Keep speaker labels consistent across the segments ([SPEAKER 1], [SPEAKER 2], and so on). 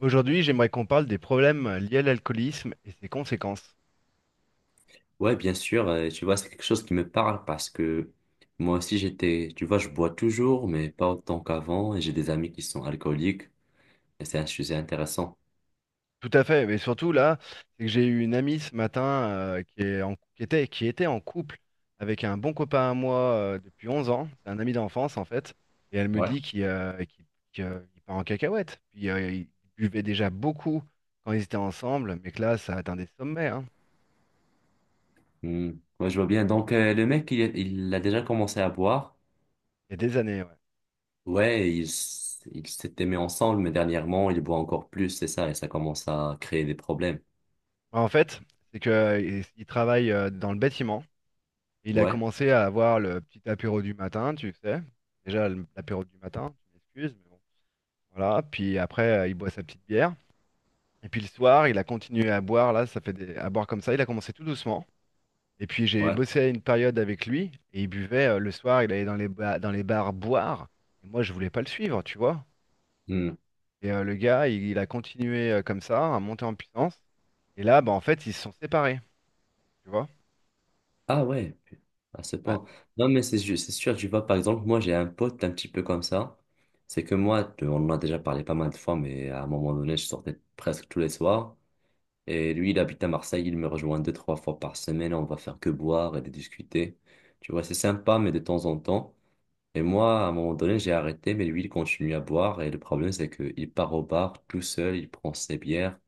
[SPEAKER 1] Aujourd'hui, j'aimerais qu'on parle des problèmes liés à l'alcoolisme et ses conséquences.
[SPEAKER 2] Ouais, bien sûr, tu vois, c'est quelque chose qui me parle parce que moi aussi j'étais, tu vois, je bois toujours, mais pas autant qu'avant, et j'ai des amis qui sont alcooliques, et c'est un sujet intéressant.
[SPEAKER 1] Tout à fait, mais surtout là, c'est que j'ai eu une amie ce matin, qui est en- qui était en couple avec un bon copain à moi, depuis 11 ans, c'est un ami d'enfance en fait, et elle me
[SPEAKER 2] Ouais.
[SPEAKER 1] dit qu'il part en cacahuète. Puis ils buvaient déjà beaucoup quand ils étaient ensemble, mais que là, ça atteint des sommets, hein.
[SPEAKER 2] Hmm. Ouais, je vois bien. Donc, le mec, il a déjà commencé à boire.
[SPEAKER 1] Il y a des années, ouais.
[SPEAKER 2] Ouais, ils il s'étaient mis ensemble, mais dernièrement, il boit encore plus, c'est ça, et ça commence à créer des problèmes.
[SPEAKER 1] En fait, c'est qu'ils travaillent, dans le bâtiment. Il a
[SPEAKER 2] Ouais.
[SPEAKER 1] commencé à avoir le petit apéro du matin, tu sais. Déjà, l'apéro du matin, tu m'excuses, mais bon. Voilà. Puis après, il boit sa petite bière. Et puis le soir, il a continué à boire, là, à boire comme ça. Il a commencé tout doucement. Et puis j'ai
[SPEAKER 2] Ouais.
[SPEAKER 1] bossé une période avec lui et il buvait, le soir, il allait dans les bars boire. Et moi, je voulais pas le suivre, tu vois.
[SPEAKER 2] Hmm.
[SPEAKER 1] Et le gars, il a continué, comme ça, à monter en puissance. Et là, bah, en fait, ils se sont séparés, tu vois.
[SPEAKER 2] Ah ouais, à ce
[SPEAKER 1] Ah,
[SPEAKER 2] point. Non, mais c'est sûr, tu vois, par exemple, moi, j'ai un pote un petit peu comme ça. C'est que moi, on en a déjà parlé pas mal de fois, mais à un moment donné, je sortais presque tous les soirs. Et lui, il habite à Marseille, il me rejoint deux, trois fois par semaine. On va faire que boire et de discuter. Tu vois, c'est sympa, mais de temps en temps. Et moi, à un moment donné, j'ai arrêté, mais lui, il continue à boire. Et le problème, c'est qu'il part au bar tout seul, il prend ses bières,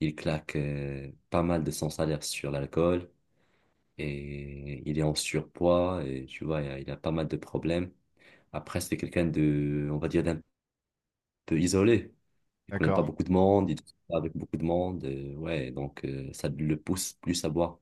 [SPEAKER 2] il claque pas mal de son salaire sur l'alcool et il est en surpoids et tu vois, il a pas mal de problèmes. Après, c'est quelqu'un de, on va dire, d'un peu isolé. Il connaît pas
[SPEAKER 1] d'accord.
[SPEAKER 2] beaucoup de monde, il discute pas avec beaucoup de monde. Ouais, donc ça le pousse plus à boire.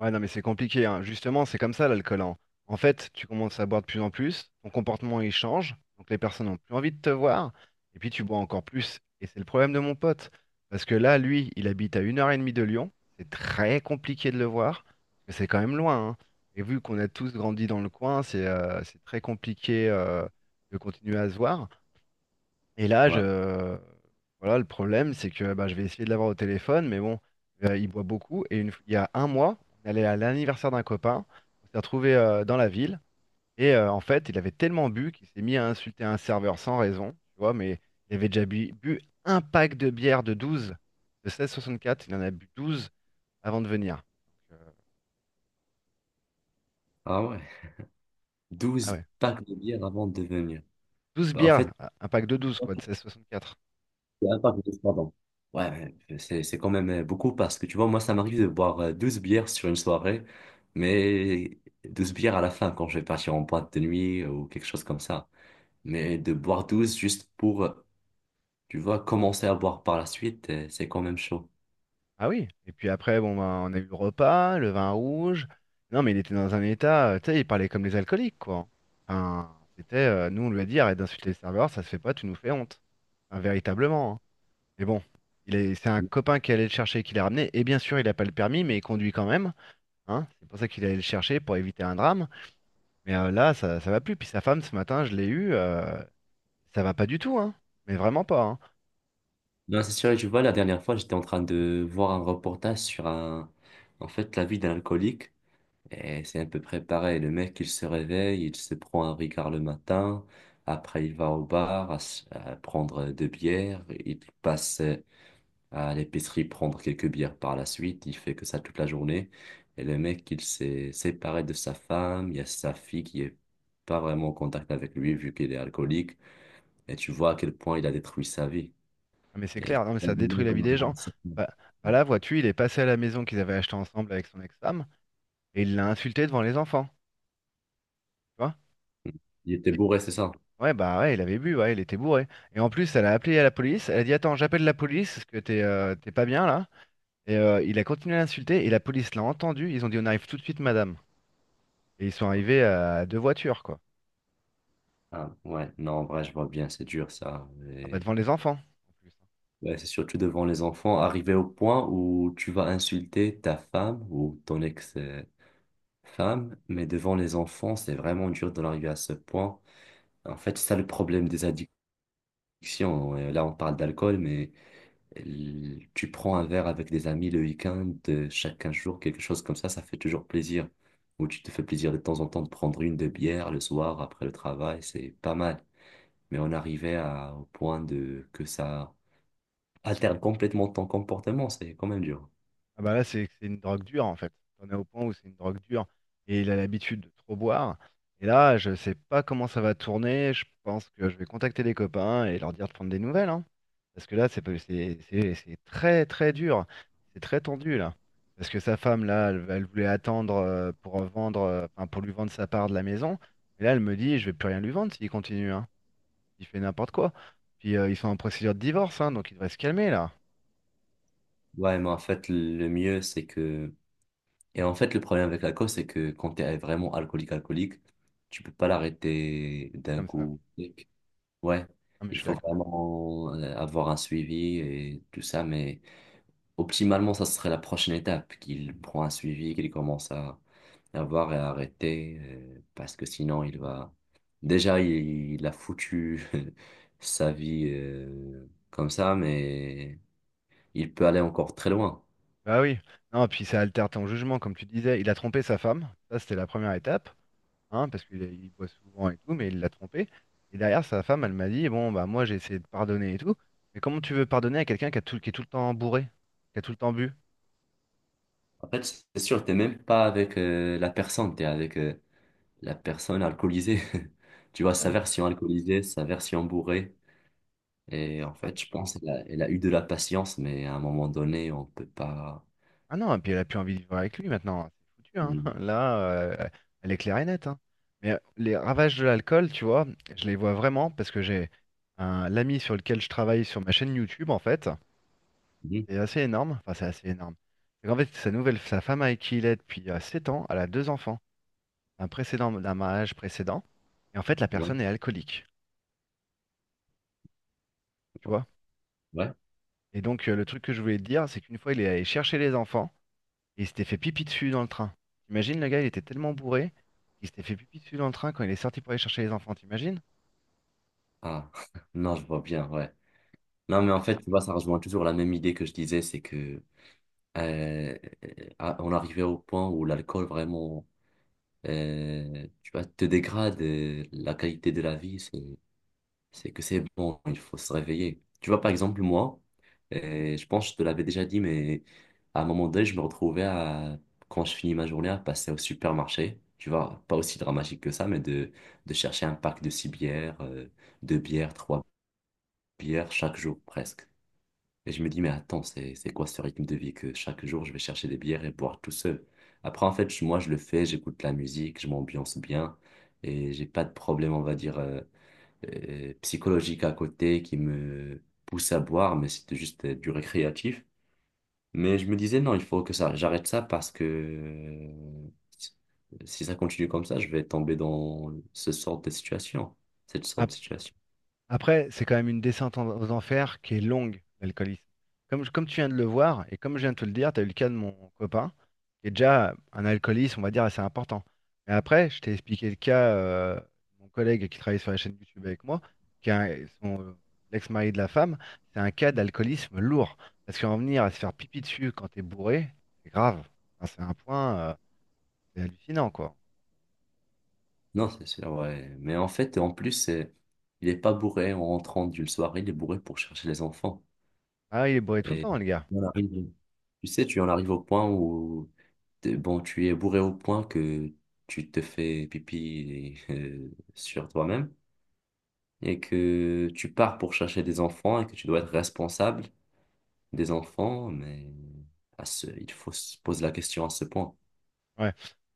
[SPEAKER 1] Ouais, non, mais c'est compliqué, hein. Justement, c'est comme ça l'alcool, hein. En fait, tu commences à boire de plus en plus, ton comportement il change, donc les personnes n'ont plus envie de te voir, et puis tu bois encore plus. Et c'est le problème de mon pote. Parce que là, lui, il habite à une heure et demie de Lyon. C'est très compliqué de le voir, parce que c'est quand même loin, hein. Et vu qu'on a tous grandi dans le coin, c'est, c'est très compliqué, de continuer à se voir. Et là,
[SPEAKER 2] Ouais.
[SPEAKER 1] voilà, le problème, c'est que bah, je vais essayer de l'avoir au téléphone, mais bon, il boit beaucoup. Il y a un mois, on allait à l'anniversaire d'un copain, on s'est retrouvé, dans la ville, et en fait, il avait tellement bu qu'il s'est mis à insulter un serveur sans raison, tu vois, mais il avait déjà bu un pack de bière de 12, de 16,64. Il en a bu 12 avant de venir. Donc,
[SPEAKER 2] Ah ouais.
[SPEAKER 1] ah
[SPEAKER 2] Douze
[SPEAKER 1] ouais,
[SPEAKER 2] packs de bière avant de venir.
[SPEAKER 1] 12
[SPEAKER 2] Bah, en fait,
[SPEAKER 1] bières, un pack de 12 quoi, de 16,64.
[SPEAKER 2] c'est un pack de bière, pardon. Ouais, mais c'est quand même beaucoup parce que tu vois, moi, ça m'arrive de boire 12 bières sur une soirée, mais 12 bières à la fin quand je vais partir en boîte de nuit ou quelque chose comme ça. Mais de boire 12 juste pour, tu vois, commencer à boire par la suite, c'est quand même chaud.
[SPEAKER 1] Ah oui, et puis après, bon, ben, on a eu le repas, le vin rouge. Non, mais il était dans un état, tu sais, il parlait comme les alcooliques, quoi. Enfin, c'était, nous, on lui a dit, arrête d'insulter les serveurs, ça se fait pas, tu nous fais honte. Enfin, véritablement, hein. Mais bon, il est, c'est un copain qui allait le chercher et qui l'a ramené. Et bien sûr, il n'a pas le permis, mais il conduit quand même. Hein. C'est pour ça qu'il allait le chercher pour éviter un drame. Mais là, ça va plus. Puis sa femme, ce matin, je l'ai eue, ça va pas du tout, hein. Mais vraiment pas, hein.
[SPEAKER 2] Non, c'est sûr, tu vois, la dernière fois, j'étais en train de voir un reportage sur, en fait, la vie d'un alcoolique. Et c'est à peu près pareil. Le mec, il se réveille, il se prend un Ricard le matin. Après, il va au bar à, s- à prendre deux bières. Il passe à l'épicerie prendre quelques bières par la suite. Il fait que ça toute la journée. Et le mec, il s'est séparé de sa femme. Il y a sa fille qui est pas vraiment en contact avec lui vu qu'il est alcoolique. Et tu vois à quel point il a détruit sa vie.
[SPEAKER 1] Ah, mais c'est
[SPEAKER 2] Et
[SPEAKER 1] clair, non, mais
[SPEAKER 2] c'est un
[SPEAKER 1] ça détruit
[SPEAKER 2] bonheur
[SPEAKER 1] la
[SPEAKER 2] qu'on
[SPEAKER 1] vie des
[SPEAKER 2] arrive
[SPEAKER 1] gens.
[SPEAKER 2] à ça.
[SPEAKER 1] Bah, bah là, vois-tu, il est passé à la maison qu'ils avaient acheté ensemble avec son ex-femme et il l'a insulté devant les enfants. Tu vois?
[SPEAKER 2] Il était
[SPEAKER 1] Et,
[SPEAKER 2] bourré, c'est ça?
[SPEAKER 1] ouais, bah ouais, il avait bu, ouais, il était bourré. Et en plus, elle a appelé à la police. Elle a dit, attends, j'appelle la police parce que t'es pas bien là. Et il a continué à l'insulter et la police l'a entendu. Ils ont dit, on arrive tout de suite, madame. Et ils sont arrivés à deux voitures, quoi.
[SPEAKER 2] Ah, ouais, non, en vrai, je vois bien, c'est dur ça.
[SPEAKER 1] Ah, bah
[SPEAKER 2] Mais
[SPEAKER 1] devant les enfants, en plus.
[SPEAKER 2] ouais, c'est surtout devant les enfants, arriver au point où tu vas insulter ta femme ou ton ex-femme, mais devant les enfants, c'est vraiment dur d'en arriver à ce point. En fait, c'est ça le problème des addictions. Là, on parle d'alcool, mais tu prends un verre avec des amis le week-end, chaque 15 jours, quelque chose comme ça fait toujours plaisir. Ou tu te fais plaisir de temps en temps de prendre une de bière le soir après le travail, c'est pas mal. Mais on arrivait à, au point de que ça alterne complètement ton comportement, c'est quand même dur.
[SPEAKER 1] Ah bah là, c'est une drogue dure en fait. On est au point où c'est une drogue dure et il a l'habitude de trop boire. Et là, je sais pas comment ça va tourner. Je pense que je vais contacter les copains et leur dire de prendre des nouvelles, hein. Parce que là, c'est pas- c'est très très dur. C'est très tendu là. Parce que sa femme là, elle, elle voulait attendre, pour vendre, enfin, pour lui vendre sa part de la maison. Mais là, elle me dit, je vais plus rien lui vendre s'il continue, hein. Il fait n'importe quoi. Puis ils sont en procédure de divorce, hein, donc il devrait se calmer là,
[SPEAKER 2] Ouais, mais en fait, le mieux, c'est que... Et en fait, le problème avec l'alcool, c'est que quand tu es vraiment alcoolique, tu peux pas l'arrêter d'un
[SPEAKER 1] comme ça.
[SPEAKER 2] coup. Ouais,
[SPEAKER 1] Ah mais je
[SPEAKER 2] il
[SPEAKER 1] suis
[SPEAKER 2] faut
[SPEAKER 1] d'accord.
[SPEAKER 2] vraiment avoir un suivi et tout ça, mais optimalement, ça serait la prochaine étape, qu'il prend un suivi, qu'il commence à avoir et à arrêter, parce que sinon, il va... Déjà, il a foutu sa vie comme ça, mais il peut aller encore très loin.
[SPEAKER 1] Bah oui, non, puis ça altère ton jugement, comme tu disais. Il a trompé sa femme, ça c'était la première étape, hein, parce qu'il il boit souvent et tout, mais il l'a trompé. Et derrière, sa femme, elle m'a dit, bon, bah moi j'ai essayé de pardonner et tout, mais comment tu veux pardonner à quelqu'un qui a tout, qui est tout le temps bourré, qui a tout le temps bu?
[SPEAKER 2] En fait, c'est sûr, t'es même pas avec la personne, t'es avec la personne alcoolisée. Tu vois, sa
[SPEAKER 1] Ouais,
[SPEAKER 2] version alcoolisée, sa version bourrée. Et en
[SPEAKER 1] c'est ça.
[SPEAKER 2] fait, je pense bon, elle a eu de la patience, mais à un moment donné, on peut pas.
[SPEAKER 1] Ah non, et puis elle a plus envie de vivre avec lui maintenant, c'est foutu, hein.
[SPEAKER 2] Mhm.
[SPEAKER 1] Là, elle est claire et nette, hein. Mais les ravages de l'alcool, tu vois, je les vois vraiment parce que j'ai un l'ami sur lequel je travaille sur ma chaîne YouTube, en fait.
[SPEAKER 2] Mhm.
[SPEAKER 1] C'est assez énorme. Enfin, c'est assez énorme. C'est qu'en fait, sa nouvelle, sa femme avec qui il est depuis, 7 ans, elle a deux enfants d'un mariage précédent. Et en fait, la
[SPEAKER 2] Ouais,
[SPEAKER 1] personne est alcoolique, tu vois.
[SPEAKER 2] ouais.
[SPEAKER 1] Et donc, le truc que je voulais te dire, c'est qu'une fois, il est allé chercher les enfants et il s'était fait pipi dessus dans le train. T'imagines, le gars, il était tellement bourré qu'il s'était fait pipi dessus dans le train quand il est sorti pour aller chercher les enfants, t'imagines?
[SPEAKER 2] Ah, non, je vois bien, ouais. Non, mais en fait, tu vois, ça rejoint toujours la même idée que je disais, c'est que euh, on arrivait au point où l'alcool vraiment, tu vois, te dégrade la qualité de la vie. C'est que c'est bon, il faut se réveiller. Tu vois, par exemple, moi, je pense que je te l'avais déjà dit, mais à un moment donné, je me retrouvais à, quand je finis ma journée, à passer au supermarché. Tu vois, pas aussi dramatique que ça, mais de chercher un pack de six bières, deux bières, trois bières, chaque jour presque. Et je me dis, mais attends, c'est quoi ce rythme de vie que chaque jour, je vais chercher des bières et boire tout seul? Après, en fait, moi, je le fais, j'écoute la musique, je m'ambiance bien et j'ai pas de problème, on va dire. Psychologique à côté qui me poussait à boire, mais c'était juste du récréatif. Mais je me disais, non, il faut que ça, j'arrête ça parce que si ça continue comme ça, je vais tomber dans ce sort de situation, cette sorte de situation.
[SPEAKER 1] Après, c'est quand même une descente aux enfers qui est longue, l'alcoolisme. Comme tu viens de le voir, et comme je viens de te le dire, tu as eu le cas de mon copain, qui est déjà un alcooliste, on va dire, assez important. Mais après, je t'ai expliqué le cas, de mon collègue qui travaille sur la chaîne YouTube avec moi, qui est un- son, l'ex-mari de la femme, c'est un cas d'alcoolisme lourd. Parce qu'en venir à se faire pipi dessus quand t'es bourré, c'est grave. Enfin, c'est un point, c'est hallucinant, quoi.
[SPEAKER 2] Non, c'est sûr, ouais. Mais en fait, en plus, il est pas bourré en rentrant d'une soirée, il est bourré pour chercher les enfants.
[SPEAKER 1] Ah, il est bourré tout le
[SPEAKER 2] Et
[SPEAKER 1] temps, le gars.
[SPEAKER 2] on arrive- tu sais, tu en arrives au point où bon, tu es bourré au point que tu te fais pipi et, sur toi-même et que tu pars pour chercher des enfants et que tu dois être responsable des enfants, mais à ce, il faut se poser la question à ce point.
[SPEAKER 1] Ouais.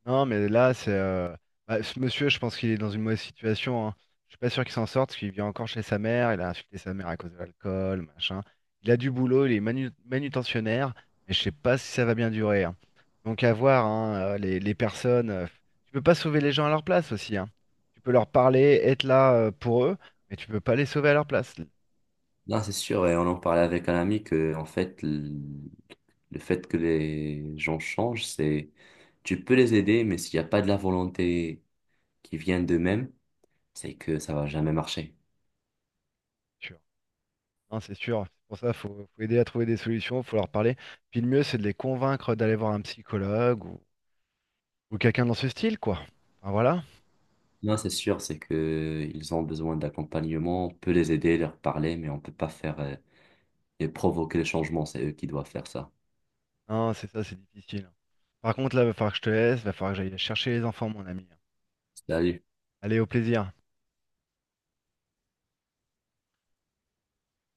[SPEAKER 1] Non, mais là, c'est. Bah, ce monsieur, je pense qu'il est dans une mauvaise situation, hein. Je suis pas sûr qu'il s'en sorte, parce qu'il vit encore chez sa mère. Il a insulté sa mère à cause de l'alcool, machin. Il a du boulot, il est manutentionnaire, mais je sais pas si ça va bien durer, hein. Donc à voir, hein, les personnes. Tu peux pas sauver les gens à leur place aussi, hein. Tu peux leur parler, être là, pour eux, mais tu peux pas les sauver à leur place. C'est
[SPEAKER 2] Non, c'est sûr, et on en parlait avec un ami que, en fait, le fait que les gens changent, c'est tu peux les aider, mais s'il n'y a pas de la volonté qui vient d'eux-mêmes, c'est que ça va jamais marcher.
[SPEAKER 1] sûr. Non, c'est sûr. C'est pour ça, faut aider à trouver des solutions, faut leur parler. Puis le mieux, c'est de les convaincre d'aller voir un psychologue ou quelqu'un dans ce style, quoi. Enfin, voilà.
[SPEAKER 2] Non, c'est sûr, c'est que ils ont besoin d'accompagnement, on peut les aider, leur parler, mais on peut pas faire et provoquer les changements, c'est eux qui doivent faire ça.
[SPEAKER 1] Non, c'est ça, c'est difficile. Par contre, là, va falloir que je te laisse, va falloir que j'aille chercher les enfants, mon ami.
[SPEAKER 2] Salut.
[SPEAKER 1] Allez, au plaisir.